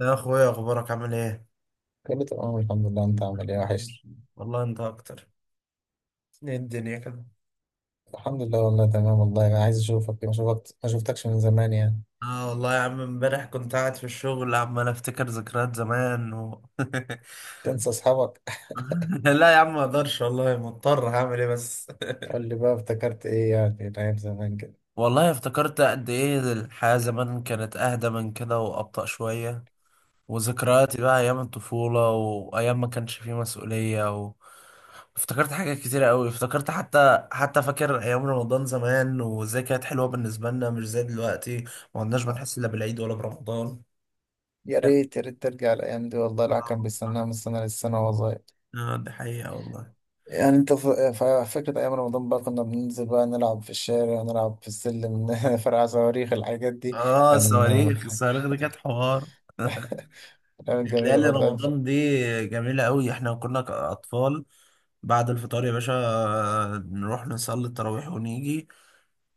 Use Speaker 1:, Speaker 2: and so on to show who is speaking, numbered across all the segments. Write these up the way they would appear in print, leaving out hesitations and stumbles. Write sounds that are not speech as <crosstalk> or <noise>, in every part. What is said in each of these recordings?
Speaker 1: يا اخويا، اخبارك عامل ايه؟
Speaker 2: كله تمام الحمد لله. انت عامل ايه وحش؟
Speaker 1: والله انت اكتر. ايه الدنيا كده؟
Speaker 2: الحمد لله والله تمام. والله انا عايز اشوفك، ما شفتكش من زمان يعني.
Speaker 1: اه والله يا عم، امبارح كنت قاعد في الشغل عمال افتكر ذكريات زمان <laughs>
Speaker 2: تنسى اصحابك؟ <laughs>
Speaker 1: لا يا عم ما اقدرش والله، مضطر هعمل ايه بس.
Speaker 2: قول لي بقى افتكرت ايه يعني من ايام زمان كده.
Speaker 1: <laughs> والله افتكرت قد ايه الحياة زمان كانت اهدى من كده وابطأ شوية. وذكرياتي بقى ايام الطفولة وايام ما كانش فيه مسؤولية. افتكرت حاجات كتيرة قوي، افتكرت حتى فاكر ايام رمضان زمان وازاي كانت حلوة بالنسبة لنا مش زي دلوقتي. ما كناش
Speaker 2: آه.
Speaker 1: بنحس الا بالعيد ولا برمضان.
Speaker 2: يا ريت يا ريت ترجع الايام دي والله، الواحد كان بيستناها من السنه للسنه وهو صغير.
Speaker 1: اه دي حقيقة والله.
Speaker 2: يعني انت فاكر ايام رمضان؟ بقى كنا بننزل بقى نلعب في الشارع، نلعب في السلم، <laughs> فرقع صواريخ، الحاجات دي.
Speaker 1: اه
Speaker 2: كان
Speaker 1: الصواريخ، الصواريخ دي كانت حوار.
Speaker 2: الايام جميله
Speaker 1: ليالي
Speaker 2: بقى دلوقتي.
Speaker 1: رمضان دي جميلة قوي، احنا كنا اطفال. بعد الفطار يا باشا، نروح نصلي التراويح ونيجي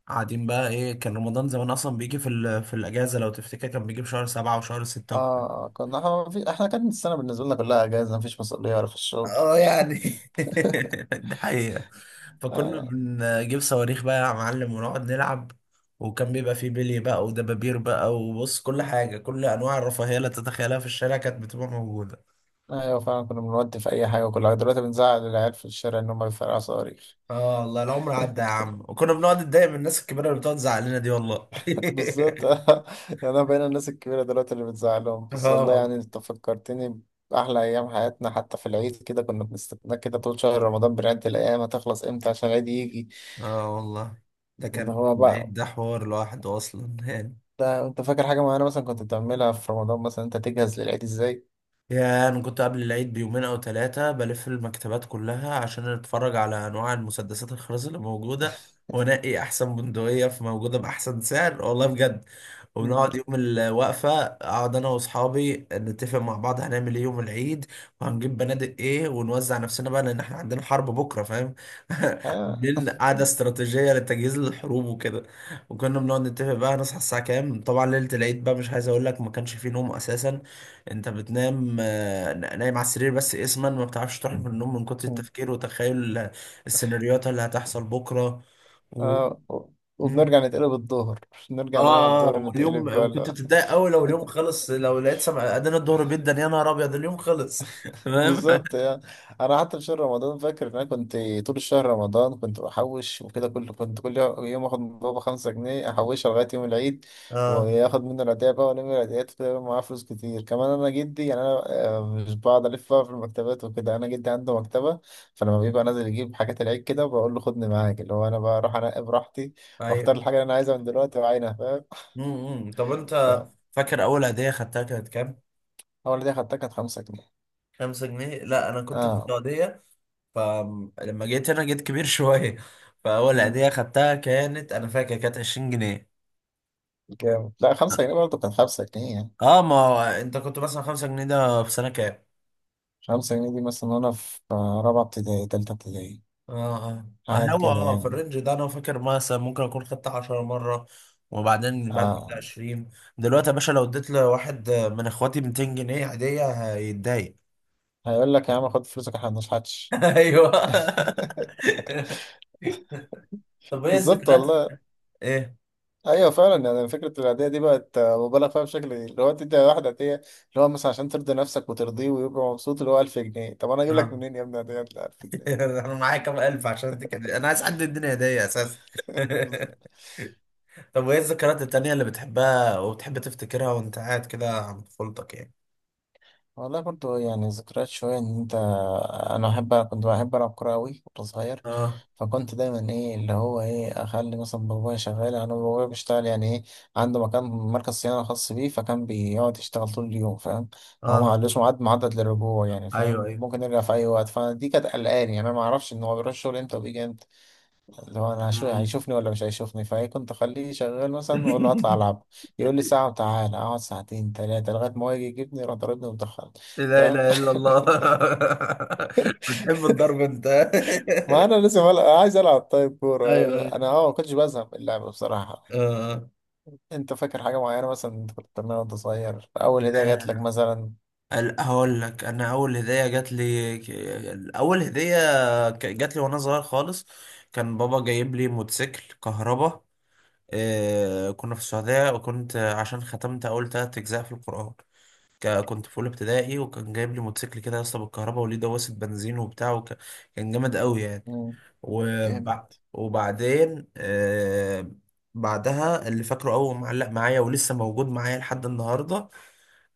Speaker 1: قاعدين بقى. ايه، كان رمضان زمان اصلا بيجي في الاجازة، لو تفتكر كان بيجي في شهر سبعة وشهر ستة.
Speaker 2: اه كنا احنا ما في- احنا كانت السنه بالنسبه لنا كلها اجازه، مفيش مسؤوليه ولا في الشغل.
Speaker 1: اه يعني. <laughs> ده حقيقة. فكنا
Speaker 2: آه،
Speaker 1: بنجيب صواريخ بقى يا معلم ونقعد نلعب. وكان بيبقى فيه بلي بقى ودبابير بقى، وبص، كل حاجة، كل أنواع الرفاهية اللي تتخيلها في الشارع كانت بتبقى موجودة.
Speaker 2: ايوه فعلا، كنا بنودي في اي حاجه وكل حاجه. دلوقتي بنزعل العيال في الشارع ان هم بيفرقعوا صواريخ.
Speaker 1: اه والله العمر عدى يا عم، وكنا بنقعد نتضايق من الناس الكبيرة اللي بتقعد تزعق لنا دي والله.
Speaker 2: <laughs> بالظبط.
Speaker 1: <laughs>
Speaker 2: <laughs> انا بقينا الناس الكبيره دلوقتي اللي بتزعلهم، بس
Speaker 1: اه
Speaker 2: والله
Speaker 1: والله.
Speaker 2: يعني انت فكرتني باحلى ايام حياتنا. حتى في العيد كده كنا بنستنى كده طول شهر رمضان، بنعد الايام هتخلص امتى عشان العيد يجي.
Speaker 1: اه والله ده
Speaker 2: ان
Speaker 1: كان.
Speaker 2: هو
Speaker 1: العيد
Speaker 2: بقى
Speaker 1: ده حوار لوحده أصلا <laughs> يعني.
Speaker 2: ده، انت فاكر حاجه معينه مثلا كنت بتعملها في رمضان؟ مثلا انت تجهز للعيد ازاي؟
Speaker 1: يا انا كنت قبل العيد بيومين او ثلاثه بلف المكتبات كلها عشان اتفرج على انواع المسدسات الخرز اللي موجوده. وانقي احسن بندقيه في موجوده باحسن سعر، والله بجد.
Speaker 2: مم.
Speaker 1: وبنقعد يوم الوقفه اقعد انا واصحابي نتفق مع بعض هنعمل ايه يوم العيد وهنجيب بنادق ايه، ونوزع نفسنا بقى، لان احنا عندنا حرب بكره، فاهم. <laughs>
Speaker 2: <laughs> آه.
Speaker 1: بالليل قعده استراتيجيه للتجهيز للحروب وكده. وكنا بنقعد نتفق بقى هنصحى الساعه كام. طبعا ليله العيد بقى مش عايز اقول لك، ما كانش فيه نوم اساسا. انت بتنام، نايم على السرير بس اسما، ما بتعرفش تروح من النوم من كتر التفكير وتخيل السيناريوهات اللي هتحصل بكره و...
Speaker 2: آه.
Speaker 1: مم.
Speaker 2: وبنرجع نتقلب الظهر، نرجع ننام
Speaker 1: اه.
Speaker 2: الظهر
Speaker 1: واليوم،
Speaker 2: نتقلب
Speaker 1: وكنت
Speaker 2: بقى.
Speaker 1: بتتضايق قوي لو اليوم خلص، لو لقيت سمع ادينا الظهر، جدا يا نهار ابيض، اليوم خلص <laughs> تمام.
Speaker 2: بالظبط يعني. انا حتى في شهر رمضان فاكر ان انا كنت طول الشهر رمضان كنت بحوش وكده، كل يوم اخد من بابا 5 جنيه احوشها لغايه يوم العيد،
Speaker 1: اه.
Speaker 2: وياخد منه العيدية بقى، والم العيديات كده يبقى معاه فلوس كتير كمان. انا جدي يعني، انا مش بقعد الف بقى في المكتبات وكده. انا جدي عنده مكتبه، فلما بيبقى نازل يجيب حاجات العيد كده بقول له خدني معاك، اللي هو انا بروح انقي براحتي واختار
Speaker 1: ايوه.
Speaker 2: الحاجه اللي انا عايزها من دلوقتي وعينها، فاهم.
Speaker 1: طب انت فاكر اول هديه خدتها كانت كام؟
Speaker 2: فاول دي خدتها كانت 5 جنيه.
Speaker 1: خمسة جنيه. لا انا كنت في
Speaker 2: اه.
Speaker 1: السعوديه، فلما جيت هنا جيت كبير <laughs> شويه. فاول هديه
Speaker 2: مم.
Speaker 1: خدتها كانت، انا فاكر كانت 20 جنيه.
Speaker 2: جامد. لا 5 جنيه برضه، كان 5 جنيه يعني.
Speaker 1: اه ما هو انت كنت مثلا خمسة جنيه ده في سنة كام؟
Speaker 2: 5 جنيه دي مثلا وأنا في رابعة ابتدائي، تالتة ابتدائي،
Speaker 1: اه اه،
Speaker 2: حاجات
Speaker 1: هو
Speaker 2: كده
Speaker 1: في
Speaker 2: يعني.
Speaker 1: الرينج ده انا فاكر مثلا ممكن اكون خدت 10 مرة وبعدين بعد كده
Speaker 2: آه.
Speaker 1: 20. دلوقتي يا باشا لو اديت لواحد من اخواتي 200 جنيه عادية هيتضايق.
Speaker 2: هيقول لك يا عم خد فلوسك احنا مبنشحتش.
Speaker 1: <laughs> ايوه. طب ايه
Speaker 2: بالظبط
Speaker 1: الذكريات؟
Speaker 2: والله.
Speaker 1: ايه؟
Speaker 2: أيوه فعلا، يعني فكرة العادية دي بقت مبالغ فيها، بشكل اللي هو تدي واحد عادية اللي هو مثلا عشان ترضي نفسك وترضيه ويبقى مبسوط اللي هو 1000 جنيه. طب أنا أجيب لك
Speaker 1: اه.
Speaker 2: منين يا ابني عادية 1000 جنيه
Speaker 1: <laughs>
Speaker 2: دلوقتي؟
Speaker 1: انا معايا كام الف عشان اديك هدية. انا عايز حد يديني هدية اساسا.
Speaker 2: <laughs>
Speaker 1: <laughs>
Speaker 2: بالظبط.
Speaker 1: طب وايه الذكريات التانية اللي بتحبها وبتحب تفتكرها وانت قاعد كده عند طفولتك يعني؟
Speaker 2: والله برضه يعني ذكريات شوية، إن أنت أنا أحب كنت بحب ألعب كورة أوي وأنا صغير.
Speaker 1: اه
Speaker 2: فكنت دايما ايه اللي هو ايه اخلي مثلا بابايا شغال، انا بابايا بيشتغل يعني ايه، عنده مكان مركز صيانه خاص بيه، فكان بيقعد يشتغل طول اليوم، فاهم. هو ما
Speaker 1: اه.
Speaker 2: قالوش ميعاد محدد للرجوع يعني،
Speaker 1: ايوه
Speaker 2: فاهم،
Speaker 1: ايوه.
Speaker 2: ممكن يرجع في اي وقت. فدي كانت قلقاني يعني، انا ما اعرفش ان هو بيروح الشغل امتى وبيجي امتى، اللي هو انا
Speaker 1: مم.
Speaker 2: هيشوفني ولا مش هيشوفني. فايه كنت اخليه شغال مثلا واقول له هطلع
Speaker 1: <laughs>
Speaker 2: العب، يقول لي ساعه، وتعالى اقعد ساعتين ثلاثه لغايه ما هو يجي يجيبني يروح ضاربني ومدخلني،
Speaker 1: لا
Speaker 2: فاهم.
Speaker 1: اله
Speaker 2: <laughs>
Speaker 1: الا الله. <laughs> بتحب الضرب انت؟ <laughs>
Speaker 2: ما انا لازم ألعب. عايز العب طيب، كوره
Speaker 1: ايوه ايوه.
Speaker 2: انا، ما كنتش بزهق من اللعب بصراحه.
Speaker 1: آه.
Speaker 2: انت فاكر حاجة معينة مثلا انت كنت بتعملها وانت صغير؟ اول هدية جات لك مثلا؟
Speaker 1: هقول لك، انا اول هديه جات لي اول هديه جات لي وانا صغير خالص، كان بابا جايب لي موتوسيكل كهربا. كنا في السعوديه، وكنت عشان ختمت اول ثلاث اجزاء في القران كنت في اولى ابتدائي، وكان جايب لي موتوسيكل كده يا اسطى بالكهرباء وليه دواسه بنزين وبتاع، وكان جامد قوي يعني.
Speaker 2: مم. جامد.
Speaker 1: وبع... وبعدين. بعدها اللي فاكره أول معلق معايا ولسه موجود معايا لحد النهاردة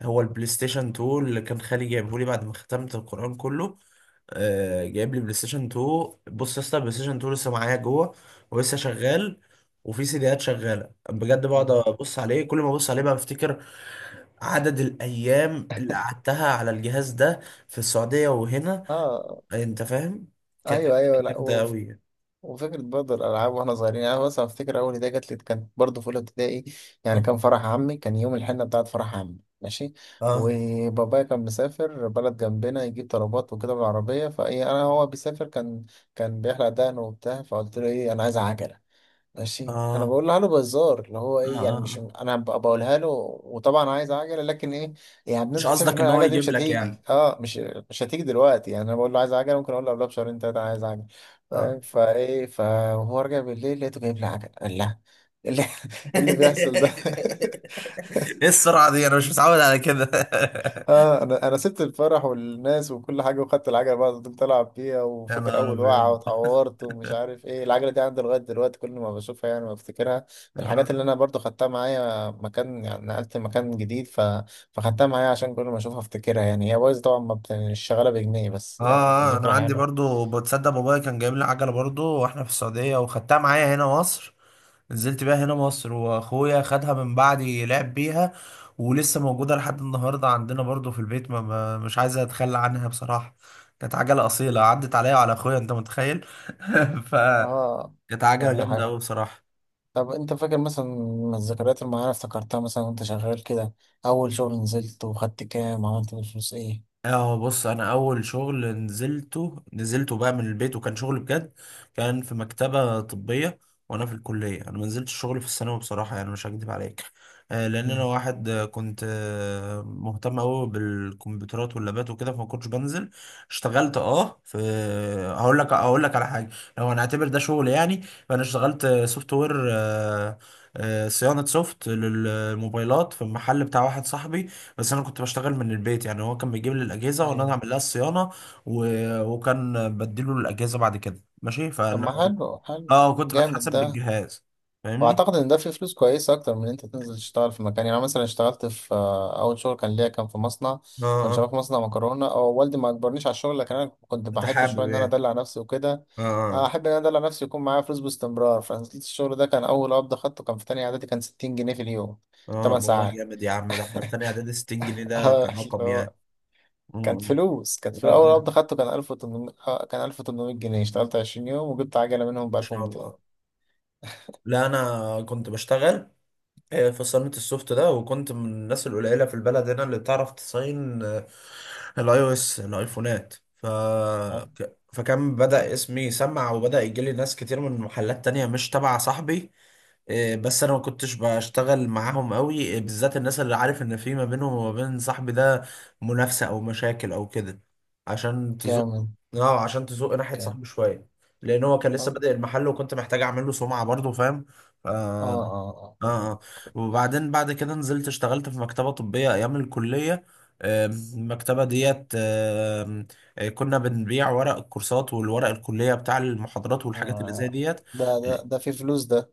Speaker 1: هو البلاي ستيشن 2 اللي كان خالي جايبه لي بعد ما ختمت القرآن كله. آه جايب لي بلاي ستيشن 2. بص يا اسطى، البلاي ستيشن 2 لسه معايا جوه، ولسه شغال، وفي سيديات شغالة بجد. بقعد
Speaker 2: مم.
Speaker 1: أبص عليه، كل ما أبص عليه بقى بفتكر عدد الأيام اللي قعدتها على الجهاز ده في السعودية وهنا.
Speaker 2: اه.
Speaker 1: أنت فاهم؟ كانت
Speaker 2: ايوه ايوه،
Speaker 1: حاجة
Speaker 2: لا
Speaker 1: جامدة أوي.
Speaker 2: وفكرة برضه الالعاب واحنا صغيرين، يعني انا مثلا افتكر اول هدية جات لي كانت برضه في اولى ابتدائي، يعني
Speaker 1: اه
Speaker 2: كان فرح عمي، كان يوم الحنة بتاعت فرح عمي ماشي.
Speaker 1: اه
Speaker 2: وبابايا كان مسافر بلد جنبنا يجيب طلبات وكده بالعربية، فايه انا هو بيسافر، كان كان بيحلق دقنه وبتاع، فقلت له ايه، انا عايز عجلة. ماشي، انا
Speaker 1: اه
Speaker 2: بقولها له بهزار اللي هو
Speaker 1: اه.
Speaker 2: ايه يعني، مش
Speaker 1: اه
Speaker 2: انا بقولها له. وطبعا عايز عجله لكن ايه، يعني
Speaker 1: مش
Speaker 2: بنسبه
Speaker 1: قصدك
Speaker 2: 90%
Speaker 1: ان هو
Speaker 2: العجله دي مش
Speaker 1: يجيب لك يعني.
Speaker 2: هتيجي. مش هتيجي دلوقتي يعني. انا بقول له عايز عجله، ممكن اقول له قبلها بشهرين ثلاثه عايز عجله،
Speaker 1: اه.
Speaker 2: فاهم؟ فايه فهو رجع بالليل لقيته جايب لي عجله. قال لا، إيه اللي <laughs> إيه اللي بيحصل
Speaker 1: <laughs>
Speaker 2: ده؟ <laughs>
Speaker 1: ايه السرعة دي، انا مش متعود على كده.
Speaker 2: اه، انا سبت الفرح والناس وكل حاجه وخدت العجله بقى، فضلت العب فيها،
Speaker 1: <laughs> يا
Speaker 2: وفاكر
Speaker 1: نهار
Speaker 2: اول وقعه
Speaker 1: ابيض.
Speaker 2: واتعورت ومش عارف ايه. العجله دي عندي لغايه دلوقتي، كل ما بشوفها يعني بفتكرها من الحاجات اللي
Speaker 1: آه.
Speaker 2: انا برضو خدتها معايا مكان. يعني نقلت مكان جديد، فخدتها معايا عشان كل ما اشوفها افتكرها يعني. هي بايظه طبعا، ما بت- مش شغاله بجنيه، بس
Speaker 1: اه،
Speaker 2: يعني
Speaker 1: انا
Speaker 2: ذكرى
Speaker 1: عندي
Speaker 2: حلوه.
Speaker 1: برضو، بتصدق بابايا كان جايب لي عجله برضو واحنا في السعوديه، وخدتها معايا هنا مصر. نزلت بيها هنا مصر واخويا خدها من بعدي لعب بيها، ولسه موجوده لحد النهارده عندنا برضو في البيت. مش عايز اتخلى عنها بصراحه، كانت عجله اصيله عدت عليا وعلى اخويا، انت متخيل. <laughs> ف
Speaker 2: اه.
Speaker 1: كانت عجله
Speaker 2: يعني
Speaker 1: جامده
Speaker 2: حاجه.
Speaker 1: قوي بصراحه.
Speaker 2: طب انت فاكر مثلا من الذكريات المعينه افتكرتها مثلا وانت شغال كده؟ اول شغل نزلت وخدت كام؟ عملت بالفلوس ايه؟
Speaker 1: اه بص، انا اول شغل نزلته بقى من البيت وكان شغل بجد، كان في مكتبة طبية وانا في الكلية. انا ما نزلتش شغل في الثانوي بصراحة يعني، مش هكدب عليك. لان انا
Speaker 2: مم.
Speaker 1: واحد كنت مهتم قوي بالكمبيوترات واللابات وكده، فما كنتش بنزل. اشتغلت اه في هقول لك على حاجة، لو هنعتبر ده شغل يعني. فانا اشتغلت سوفت وير، صيانة سوفت للموبايلات في المحل بتاع واحد صاحبي. بس انا كنت بشتغل من البيت، يعني هو كان بيجيب لي الاجهزه وانا
Speaker 2: أيوة.
Speaker 1: اعمل لها الصيانه و... وكان بديله الاجهزه بعد كده، ماشي.
Speaker 2: طب
Speaker 1: فانا
Speaker 2: ما حلو حلو.
Speaker 1: اه كنت
Speaker 2: جامد
Speaker 1: بتحاسب
Speaker 2: ده.
Speaker 1: بالجهاز، فاهمني.
Speaker 2: واعتقد ان ده فيه فلوس كويسه اكتر من ان انت تنزل تشتغل في مكان، يعني أنا مثلا اشتغلت في آه، اول شغل كان ليا كان في مصنع.
Speaker 1: اه
Speaker 2: كنت شغال
Speaker 1: اه.
Speaker 2: في مصنع مكرونه، او والدي ما اجبرنيش على الشغل لكن انا كنت
Speaker 1: انت
Speaker 2: بحب شويه
Speaker 1: حابب
Speaker 2: ان انا
Speaker 1: يعني.
Speaker 2: ادلع نفسي وكده،
Speaker 1: اه اه
Speaker 2: احب ان انا ادلع نفسي، يكون معايا فلوس باستمرار. فنزلت الشغل ده، كان اول قبض خدته كان في تانية اعدادي كان 60 جنيه في اليوم،
Speaker 1: اه
Speaker 2: 8
Speaker 1: والله
Speaker 2: ساعات.
Speaker 1: جامد يا عم، ده احنا في تانية اعدادي 60 جنيه
Speaker 2: <laughs>
Speaker 1: ده كان
Speaker 2: اللي
Speaker 1: رقم
Speaker 2: هو
Speaker 1: يعني.
Speaker 2: كانت
Speaker 1: مم.
Speaker 2: فلوس. كانت في
Speaker 1: اه
Speaker 2: اول
Speaker 1: ان
Speaker 2: قبض خدته كان 1800 جنيه، اشتغلت 20 يوم وجبت عجله منهم ب
Speaker 1: شاء
Speaker 2: 1200.
Speaker 1: الله. لا انا كنت بشتغل في صالونة السوفت ده، وكنت من الناس القليلة في البلد هنا اللي بتعرف تصين الاي او اس، الايفونات
Speaker 2: حلو.
Speaker 1: فكان بدأ اسمي يسمع، وبدأ يجيلي ناس كتير من محلات تانية مش تبع صاحبي. بس انا ما كنتش بشتغل معاهم قوي، بالذات الناس اللي عارف ان في ما بينهم وما بين صاحبي ده منافسة او مشاكل او كده. عشان تزق.
Speaker 2: جامد.
Speaker 1: اه عشان تزق ناحية صاحبي شوية، لان هو كان لسه
Speaker 2: اه
Speaker 1: بادئ المحل، وكنت محتاج اعمل له سمعة برضه، فاهم.
Speaker 2: اه
Speaker 1: اه
Speaker 2: اه فاهم.
Speaker 1: اه. وبعدين بعد كده نزلت اشتغلت في مكتبة طبية ايام الكلية. المكتبة ديت، كنا بنبيع ورق الكورسات والورق الكلية بتاع المحاضرات والحاجات اللي
Speaker 2: آه.
Speaker 1: زي ديت.
Speaker 2: ده ده
Speaker 1: اه.
Speaker 2: ده في فلوس ده.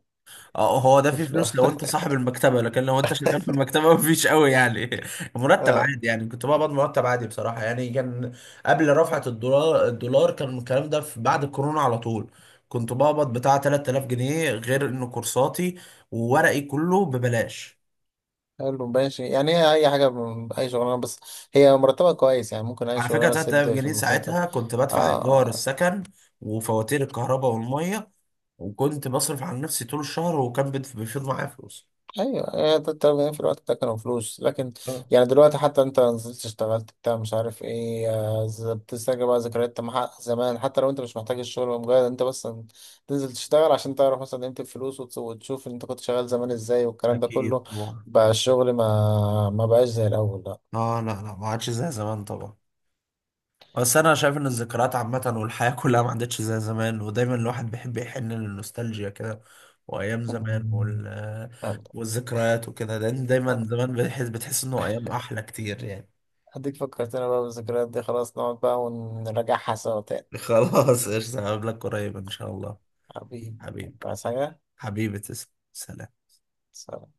Speaker 1: هو ده
Speaker 2: في
Speaker 1: فيه
Speaker 2: فلوس.
Speaker 1: فلوس لو انت صاحب المكتبة، لكن لو انت شغال في المكتبة <laughs> مفيش قوي يعني.
Speaker 2: <laughs>
Speaker 1: مرتب
Speaker 2: آه.
Speaker 1: عادي يعني، كنت بقبض مرتب عادي بصراحة، يعني كان قبل رفعة الدولار. الدولار كان الكلام ده في بعد الكورونا على طول. كنت بقبض بتاع 3000 جنيه، غير ان كورساتي وورقي كله ببلاش.
Speaker 2: حلو ماشي يعني، هي اي حاجه، اي شغلانه، بس هي مرتبه كويس يعني، ممكن اي
Speaker 1: على فكرة
Speaker 2: شغلانه
Speaker 1: 3000
Speaker 2: تسد في
Speaker 1: جنيه
Speaker 2: المكان كده.
Speaker 1: ساعتها كنت بدفع إيجار
Speaker 2: اه
Speaker 1: السكن وفواتير الكهرباء والمية، وكنت بصرف على نفسي طول الشهر، وكان بيفيض معايا فلوس.
Speaker 2: ايوه، هي ده التمرين في الوقت ده كانوا فلوس، لكن
Speaker 1: آه،
Speaker 2: يعني دلوقتي، حتى انت نزلت اشتغلت بتاع مش عارف ايه، بتسترجع بقى ذكريات مع زمان، حتى لو انت مش محتاج الشغل، مجرد انت بس تنزل تشتغل عشان تعرف مثلا قيمة الفلوس، وتشوف انت كنت شغال زمان ازاي والكلام ده
Speaker 1: أكيد
Speaker 2: كله.
Speaker 1: طبعا.
Speaker 2: بقى الشغل ما بقاش زي الاول لا.
Speaker 1: آه لا لا ما عادش زي زمان طبعا. بس أنا شايف إن الذكريات عامة والحياة كلها ما عادتش زي زمان، ودايما الواحد بيحب يحن للنوستالجيا كده، وأيام زمان
Speaker 2: أمم. يلا.
Speaker 1: والذكريات وكده، لأن دايما
Speaker 2: أد-
Speaker 1: زمان بتحس إنه أيام أحلى كتير يعني.
Speaker 2: اديك فكرتنا بقى بالذكريات دي، خلاص نقعد بقى ونراجعها سوا تاني.
Speaker 1: <laughs> خلاص قشطة، هقابلك قريب إن شاء الله.
Speaker 2: حبيبي.
Speaker 1: حبيبي.
Speaker 2: عايز حاجة؟
Speaker 1: حبيبي تسلم، سلام.
Speaker 2: سلام.